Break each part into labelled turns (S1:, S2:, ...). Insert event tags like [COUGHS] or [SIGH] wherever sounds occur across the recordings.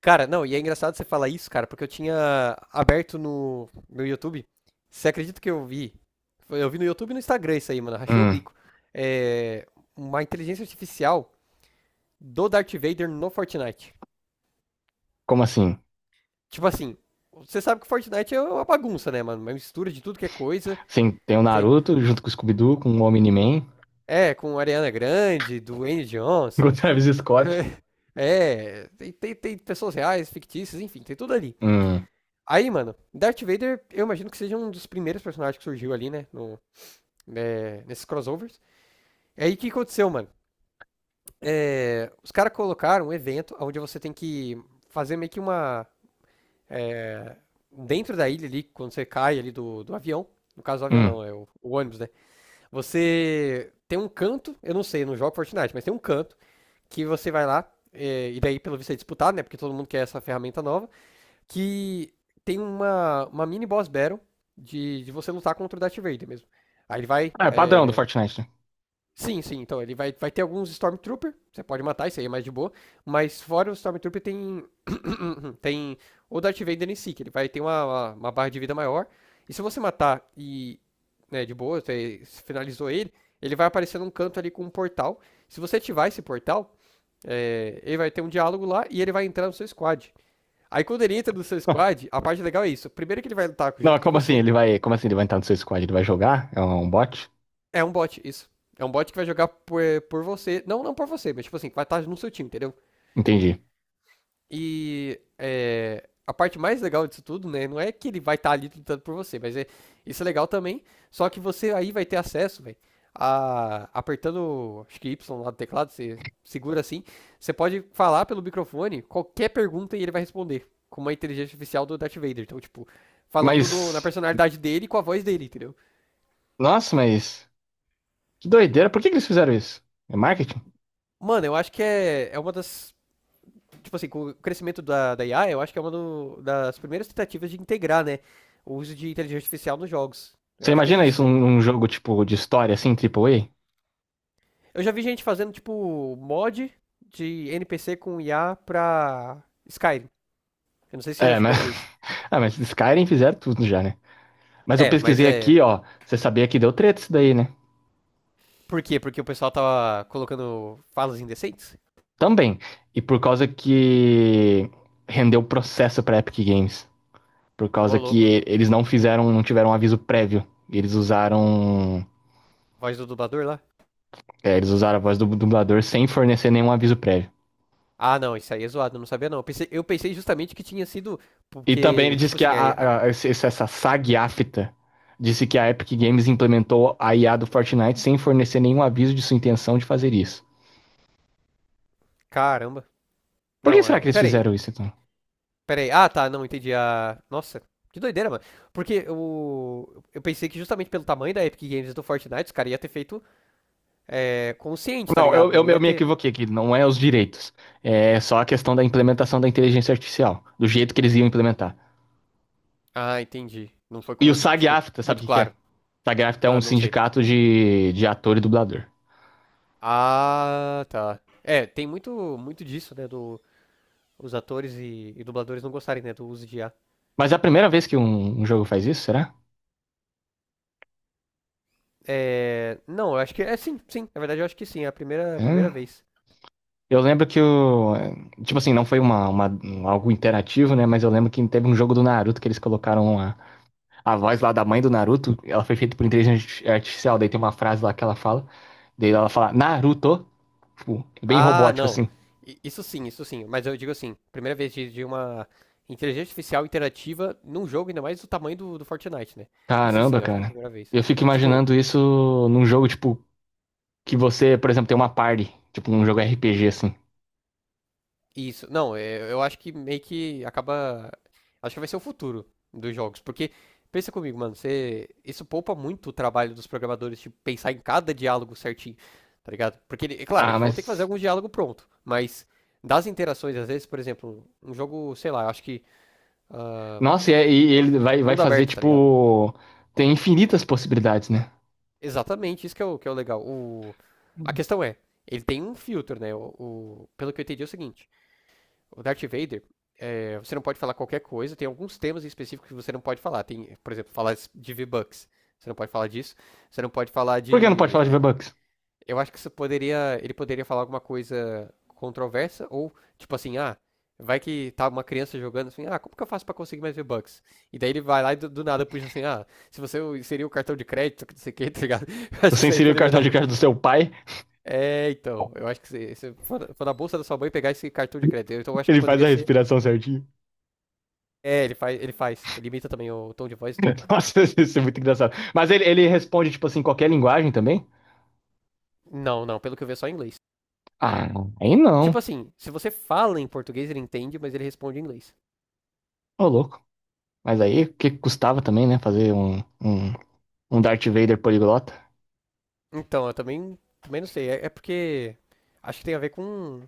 S1: Cara, não, e é engraçado você falar isso, cara, porque eu tinha aberto no meu YouTube. Você acredita que eu vi? Eu vi no YouTube e no Instagram isso aí, mano. Rachei o
S2: Hum,
S1: bico. É, uma inteligência artificial do Darth Vader no Fortnite.
S2: como assim?
S1: Tipo assim, você sabe que o Fortnite é uma bagunça, né, mano? Uma mistura de tudo que é coisa.
S2: Sim, tem o
S1: Tem,
S2: Naruto junto com o Scooby-Doo, com o Omni-Man,
S1: é, com Ariana Grande, Dwayne
S2: [LAUGHS] com o
S1: Johnson.
S2: Travis Scott.
S1: [LAUGHS] É, tem pessoas reais, fictícias, enfim, tem tudo ali.
S2: Hum,
S1: Aí, mano, Darth Vader, eu imagino que seja um dos primeiros personagens que surgiu ali, né? No, né, nesses crossovers. E aí, o que aconteceu, mano? Os caras colocaram um evento onde você tem que fazer meio que uma. Dentro da ilha ali, quando você cai ali do avião. No caso, o avião
S2: hum.
S1: não, é o ônibus, né? Você tem um canto, eu não sei, eu não jogo Fortnite, mas tem um canto que você vai lá. E daí, pelo visto, é disputado, né? Porque todo mundo quer essa ferramenta nova. Que tem uma mini boss battle de você lutar contra o Darth Vader mesmo. Aí ele vai.
S2: Ah, é padrão do Fortnite, né?
S1: Sim, então ele vai, vai ter alguns Stormtrooper. Você pode matar, isso aí é mais de boa. Mas fora o Stormtrooper tem. [COUGHS] Tem o Darth Vader em si, que ele vai ter uma barra de vida maior. E se você matar e. Né, de boa, você finalizou ele, ele vai aparecer num canto ali com um portal. Se você ativar esse portal, é, ele vai ter um diálogo lá e ele vai entrar no seu squad. Aí quando ele entra no seu
S2: [LAUGHS]
S1: squad, a parte legal é isso. Primeiro que ele vai lutar
S2: Não,
S1: junto com
S2: como assim?
S1: você,
S2: Ele vai, como assim ele vai entrar no seu squad? Ele vai jogar? É um bot?
S1: é um bot, isso. É um bot que vai jogar por você. Não, não por você, mas tipo assim, vai estar no seu time, entendeu?
S2: Entendi.
S1: E é, a parte mais legal disso tudo, né? Não é que ele vai estar ali lutando por você, mas é, isso é legal também. Só que você aí vai ter acesso, velho, a apertando, acho que Y lá do teclado, você segura assim, você pode falar pelo microfone qualquer pergunta e ele vai responder com uma inteligência artificial do Darth Vader. Então, tipo, falando no- na
S2: Mas,
S1: personalidade dele e com a voz dele, entendeu?
S2: nossa, que doideira. Por que que eles fizeram isso? É marketing?
S1: Mano, eu acho que é uma das tipo assim, com o crescimento da IA, eu acho que é das primeiras tentativas de integrar, né, o uso de inteligência artificial nos jogos. Eu
S2: Você
S1: acho que é
S2: imagina
S1: isso,
S2: isso
S1: né?
S2: num jogo tipo de história assim, Triple
S1: Eu já vi gente fazendo, tipo, mod de NPC com IA pra Skyrim. Eu não sei se
S2: A
S1: você já
S2: É,
S1: chegou
S2: mas
S1: a ver isso.
S2: [LAUGHS] Ah, mas Skyrim fizeram tudo já, né? Mas eu
S1: É, mas
S2: pesquisei
S1: é.
S2: aqui, ó, você sabia que deu treta isso daí, né?
S1: Por quê? Porque o pessoal tava colocando falas indecentes?
S2: Também. E por causa que rendeu processo pra Epic Games. Por
S1: Ô,
S2: causa que
S1: louco.
S2: eles não fizeram, não tiveram um aviso prévio. Eles usaram,
S1: Voz do dublador lá.
S2: é, eles usaram a voz do dublador sem fornecer nenhum aviso prévio.
S1: Ah, não, isso aí é zoado, eu não sabia não. Eu pensei justamente que tinha sido.
S2: E também ele
S1: Porque, tipo
S2: disse que a,
S1: assim, aí. Ah,
S2: a- a- esse- essa SAG afta disse que a Epic Games implementou a IA do Fortnite sem fornecer nenhum aviso de sua intenção de fazer isso.
S1: caramba.
S2: Por que
S1: Não,
S2: será
S1: é.
S2: que eles
S1: Pera aí.
S2: fizeram isso, então?
S1: Peraí. Ah, tá, não entendi a. Nossa, que doideira, mano. Porque o... eu pensei que justamente pelo tamanho da Epic Games e do Fortnite, os caras iam ter feito é, consciente, tá
S2: Não, eu,
S1: ligado? Não
S2: eu, eu
S1: ia
S2: me
S1: ter.
S2: equivoquei aqui, não é os direitos. É só a questão da implementação da inteligência artificial, do jeito que eles iam implementar.
S1: Ah, entendi. Não foi
S2: E o
S1: como, tipo,
S2: SAG-AFTRA, sabe o
S1: muito
S2: que que é?
S1: claro.
S2: SAG-AFTRA é
S1: Ah,
S2: um
S1: não sei.
S2: sindicato de ator e dublador.
S1: Ah, tá. É, tem muito disso, né? Do, os atores e dubladores não gostarem, né, do uso de I a.
S2: Mas é a primeira vez que um jogo faz isso, será?
S1: É, não, eu acho que é sim. Na verdade, eu acho que sim. É a primeira
S2: Hã?
S1: vez.
S2: Eu lembro que o. Tipo assim, não foi algo interativo, né? Mas eu lembro que teve um jogo do Naruto que eles colocaram a voz lá da mãe do Naruto. Ela foi feita por inteligência artificial. Daí tem uma frase lá que ela fala. Daí ela fala, Naruto. Tipo, bem
S1: Ah,
S2: robótico,
S1: não.
S2: assim.
S1: Isso sim, isso sim. Mas eu digo assim, primeira vez de uma inteligência artificial interativa num jogo, ainda mais do tamanho do Fortnite, né? Isso sim,
S2: Caramba,
S1: eu acho que é a
S2: cara.
S1: primeira vez.
S2: Eu fico
S1: Tipo,
S2: imaginando isso num jogo, tipo, que você, por exemplo, tem uma party, tipo, num jogo RPG, assim.
S1: isso. Não, é, eu acho que meio que acaba. Acho que vai ser o futuro dos jogos. Porque, pensa comigo, mano, você, isso poupa muito o trabalho dos programadores de pensar em cada diálogo certinho, tá ligado? Porque, é claro,
S2: Ah,
S1: eles vão ter que fazer
S2: mas.
S1: algum diálogo pronto. Mas das interações, às vezes, por exemplo, um jogo, sei lá, eu acho que. Ah,
S2: Nossa, e ele vai
S1: Mundo
S2: fazer,
S1: aberto, tá ligado?
S2: tipo. Tem infinitas possibilidades, né?
S1: Exatamente, isso que é que é o legal. O... A questão é, ele tem um filtro, né? Pelo que eu entendi é o seguinte, o Darth Vader, é, você não pode falar qualquer coisa, tem alguns temas específicos que você não pode falar. Tem, por exemplo, falar de V-Bucks, você não pode falar disso. Você não pode falar
S2: Por que não pode
S1: de.
S2: falar de V-Bucks?
S1: Eu acho que isso poderia, ele poderia falar alguma coisa controversa ou tipo assim, ah, vai que tá uma criança jogando assim, ah, como que eu faço pra conseguir mais V-Bucks? E daí ele vai lá e do nada puxa assim, ah, se você inserir o cartão de crédito, que não sei o que, tá ligado? [LAUGHS] Eu acho que
S2: Você
S1: isso aí
S2: inseriu o
S1: poderia
S2: cartão
S1: dar.
S2: de crédito do seu pai,
S1: É, então, eu acho que se for na bolsa da sua mãe pegar esse cartão de crédito, então eu acho que
S2: ele faz
S1: poderia
S2: a
S1: ser.
S2: respiração certinho.
S1: É, ele faz, ele imita também o tom de voz e tudo.
S2: [LAUGHS] Nossa, isso é muito engraçado. Mas ele responde, tipo assim, qualquer linguagem também?
S1: Não, não, pelo que eu vi é só em inglês.
S2: Ah, aí
S1: Tipo
S2: não.
S1: assim, se você fala em português ele entende, mas ele responde em inglês.
S2: Ô, louco. Mas aí, o que custava também, né? Fazer um Darth Vader poliglota?
S1: Então, eu também, também não sei. É, é porque acho que tem a ver com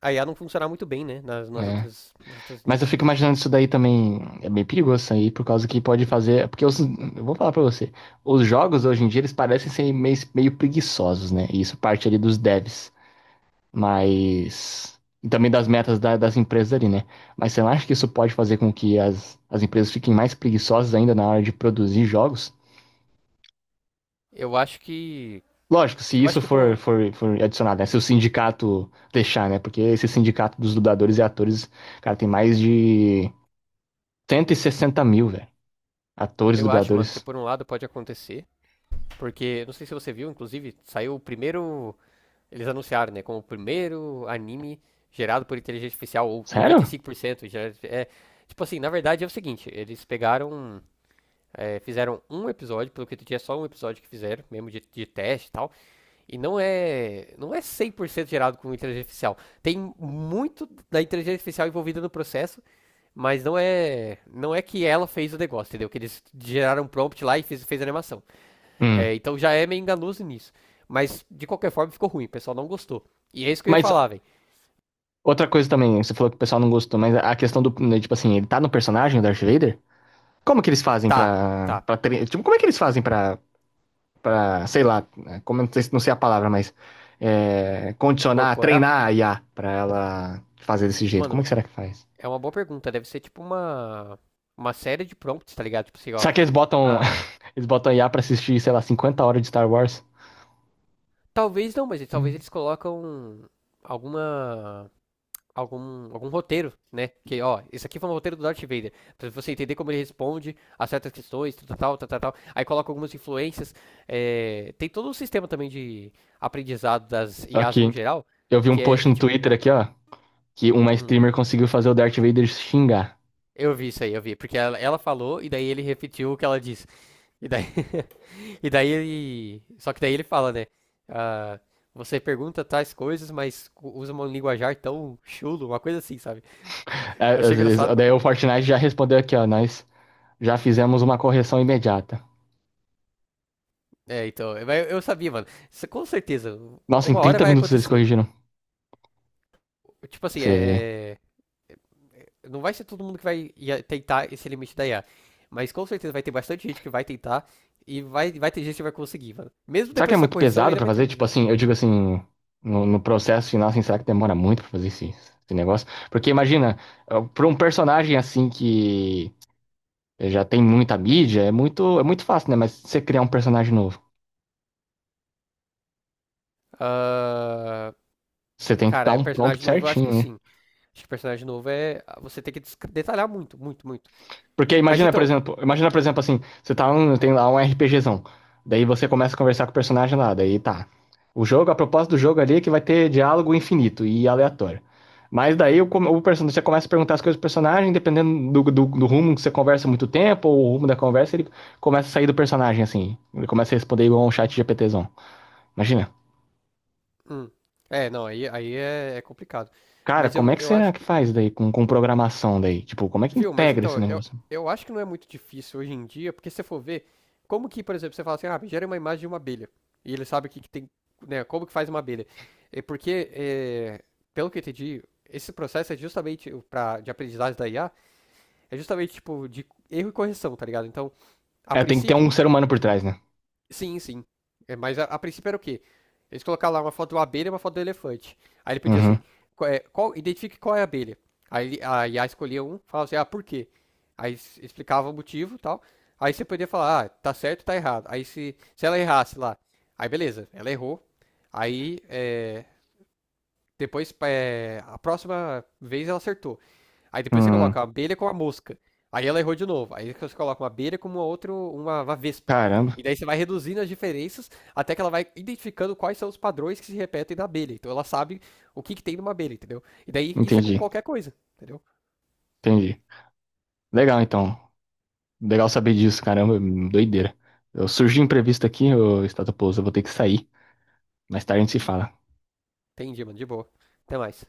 S1: a IA não funcionar muito bem, né?
S2: É.
S1: Nas outras
S2: Mas eu
S1: línguas.
S2: fico imaginando isso daí também é bem perigoso isso aí, por causa que pode fazer. Porque os, eu vou falar pra você, os jogos hoje em dia eles parecem ser meio preguiçosos, né? E isso parte ali dos devs, mas. E também das metas das empresas ali, né? Mas você não acha que isso pode fazer com que as empresas fiquem mais preguiçosas ainda na hora de produzir jogos?
S1: Eu acho que.
S2: Lógico, se
S1: Eu acho
S2: isso
S1: que por um.
S2: for adicionado, né? Se o sindicato deixar, né? Porque esse sindicato dos dubladores e atores, cara, tem mais de 160.000, velho. Atores,
S1: Eu acho, mano, que
S2: dubladores.
S1: por um lado pode acontecer. Porque, não sei se você viu, inclusive, saiu o primeiro. Eles anunciaram, né? Como o primeiro anime gerado por inteligência artificial, ou
S2: Sério?
S1: 95% gerado. É, tipo assim, na verdade é o seguinte: eles pegaram. É, fizeram um episódio, pelo que eu entendi, é só um episódio que fizeram, mesmo de teste e tal. E não é, não é 100% gerado com inteligência artificial. Tem muito da inteligência artificial envolvida no processo, mas não é, não é que ela fez o negócio, entendeu? Que eles geraram um prompt lá e fez, fez a animação. É,
S2: Hum.
S1: então já é meio enganoso nisso. Mas de qualquer forma ficou ruim, o pessoal não gostou. E é isso que eu ia
S2: Mas
S1: falar, velho.
S2: outra coisa também, você falou que o pessoal não gostou, mas a questão do, né, tipo assim, ele tá no personagem, o Darth Vader? Como que eles fazem
S1: Tá, tá.
S2: pra, tipo, como é que eles fazem pra sei lá, né, como, não sei a palavra, mas é, condicionar,
S1: Incorporar?
S2: treinar a IA pra ela fazer desse jeito? Como é
S1: Mano,
S2: que será que faz?
S1: é uma boa pergunta. Deve ser tipo uma série de prompts, tá ligado? Tipo assim, ó.
S2: Será que eles botam,
S1: Ah,
S2: [LAUGHS] eles botam a IA pra assistir, sei lá, 50 horas de Star Wars?
S1: talvez não, mas talvez
S2: Hum.
S1: eles colocam alguma algum roteiro, né? Que, ó, esse aqui foi um roteiro do Darth Vader. Pra você entender como ele responde a certas questões, tal, tal, tal, tal, tal. Aí coloca algumas influências. É, tem todo um sistema também de aprendizado das IAs no
S2: Aqui,
S1: geral,
S2: eu vi um
S1: que
S2: post
S1: é
S2: no
S1: tipo.
S2: Twitter aqui, ó, que uma
S1: Hum,
S2: streamer conseguiu fazer o Darth Vader xingar.
S1: eu vi isso aí, eu vi. Porque ela falou e daí ele repetiu o que ela disse. E daí, [LAUGHS] e daí ele. Só que daí ele fala, né? ah, você pergunta tais coisas, mas usa um linguajar tão chulo, uma coisa assim, sabe?
S2: É,
S1: Eu achei engraçado pra
S2: daí o
S1: caramba.
S2: Fortnite já respondeu aqui, ó. Nós já fizemos uma correção imediata.
S1: É, então, eu sabia, mano. Isso, com certeza,
S2: Nossa, em
S1: uma hora
S2: 30
S1: vai
S2: minutos eles
S1: acontecer.
S2: corrigiram.
S1: Tipo assim,
S2: Você vê.
S1: não vai ser todo mundo que tentar esse limite da I a. Mas com certeza vai ter bastante gente que vai tentar e vai ter gente que vai conseguir, mano. Mesmo
S2: Será que é
S1: depois dessa
S2: muito
S1: correção,
S2: pesado
S1: ainda
S2: pra
S1: vai ter
S2: fazer?
S1: um
S2: Tipo
S1: jeito.
S2: assim, eu digo assim, no processo final, assim, será que demora muito pra fazer esse negócio? Porque imagina, pra um personagem assim que já tem muita mídia, é muito fácil, né? Mas você criar um personagem novo,
S1: Ah,
S2: você tem que dar
S1: cara,
S2: um prompt
S1: personagem novo, eu acho que
S2: certinho, né?
S1: sim. Acho que personagem novo é. Você tem que detalhar muito, muito, muito.
S2: Porque
S1: Mas então.
S2: imagina, por exemplo, assim, você tá tem lá um RPGzão. Daí você começa a conversar com o personagem lá, daí tá. O jogo, a proposta do jogo ali é que vai ter diálogo infinito e aleatório. Mas daí o personagem, você começa a perguntar as coisas do personagem, dependendo do rumo que você conversa muito tempo, ou o rumo da conversa, ele começa a sair do personagem, assim. Ele começa a responder igual um chat GPTzão. Imagina.
S1: Hum, é, não, aí é, é complicado.
S2: Cara, como é que
S1: Eu acho
S2: será que
S1: que.
S2: faz daí com programação daí? Tipo, como é que
S1: Viu? Mas
S2: integra esse
S1: então,
S2: negócio?
S1: eu acho que não é muito difícil hoje em dia, porque se você for ver, como que, por exemplo, você fala assim, ah, gera uma imagem de uma abelha. E ele sabe que tem, né? Como que faz uma abelha. É porque, é, pelo que eu entendi, esse processo é justamente de aprendizagem da IA, é justamente tipo de erro e correção, tá ligado? Então, a
S2: É, tem que ter um
S1: princípio,
S2: ser humano por trás, né?
S1: sim, sim. É, mas a princípio era o quê? Eles colocaram lá uma foto de uma abelha e uma foto do elefante. Aí ele pedia assim,
S2: Uhum.
S1: identifique qual é a abelha. A IA escolhia um, falava assim, ah, por quê? Explicava o motivo e tal. Aí você podia falar, ah, tá certo, tá errado. Aí se ela errasse lá, aí beleza, ela errou. Aí é, depois, é, a próxima vez ela acertou. Aí depois você
S2: Hum,
S1: coloca a abelha com a mosca. Aí ela errou de novo. Aí você coloca uma abelha com uma vespa.
S2: caramba.
S1: E daí você vai reduzindo as diferenças até que ela vai identificando quais são os padrões que se repetem na abelha. Então ela sabe que tem numa abelha, entendeu? E daí isso é com
S2: Entendi,
S1: qualquer coisa, entendeu?
S2: entendi. Legal, então. Legal saber disso, caramba, doideira. Eu surgi imprevisto aqui, ô Estado Pouso, eu vou ter que sair. Mais tarde a gente se fala.
S1: Entendi, mano. De boa. Até mais.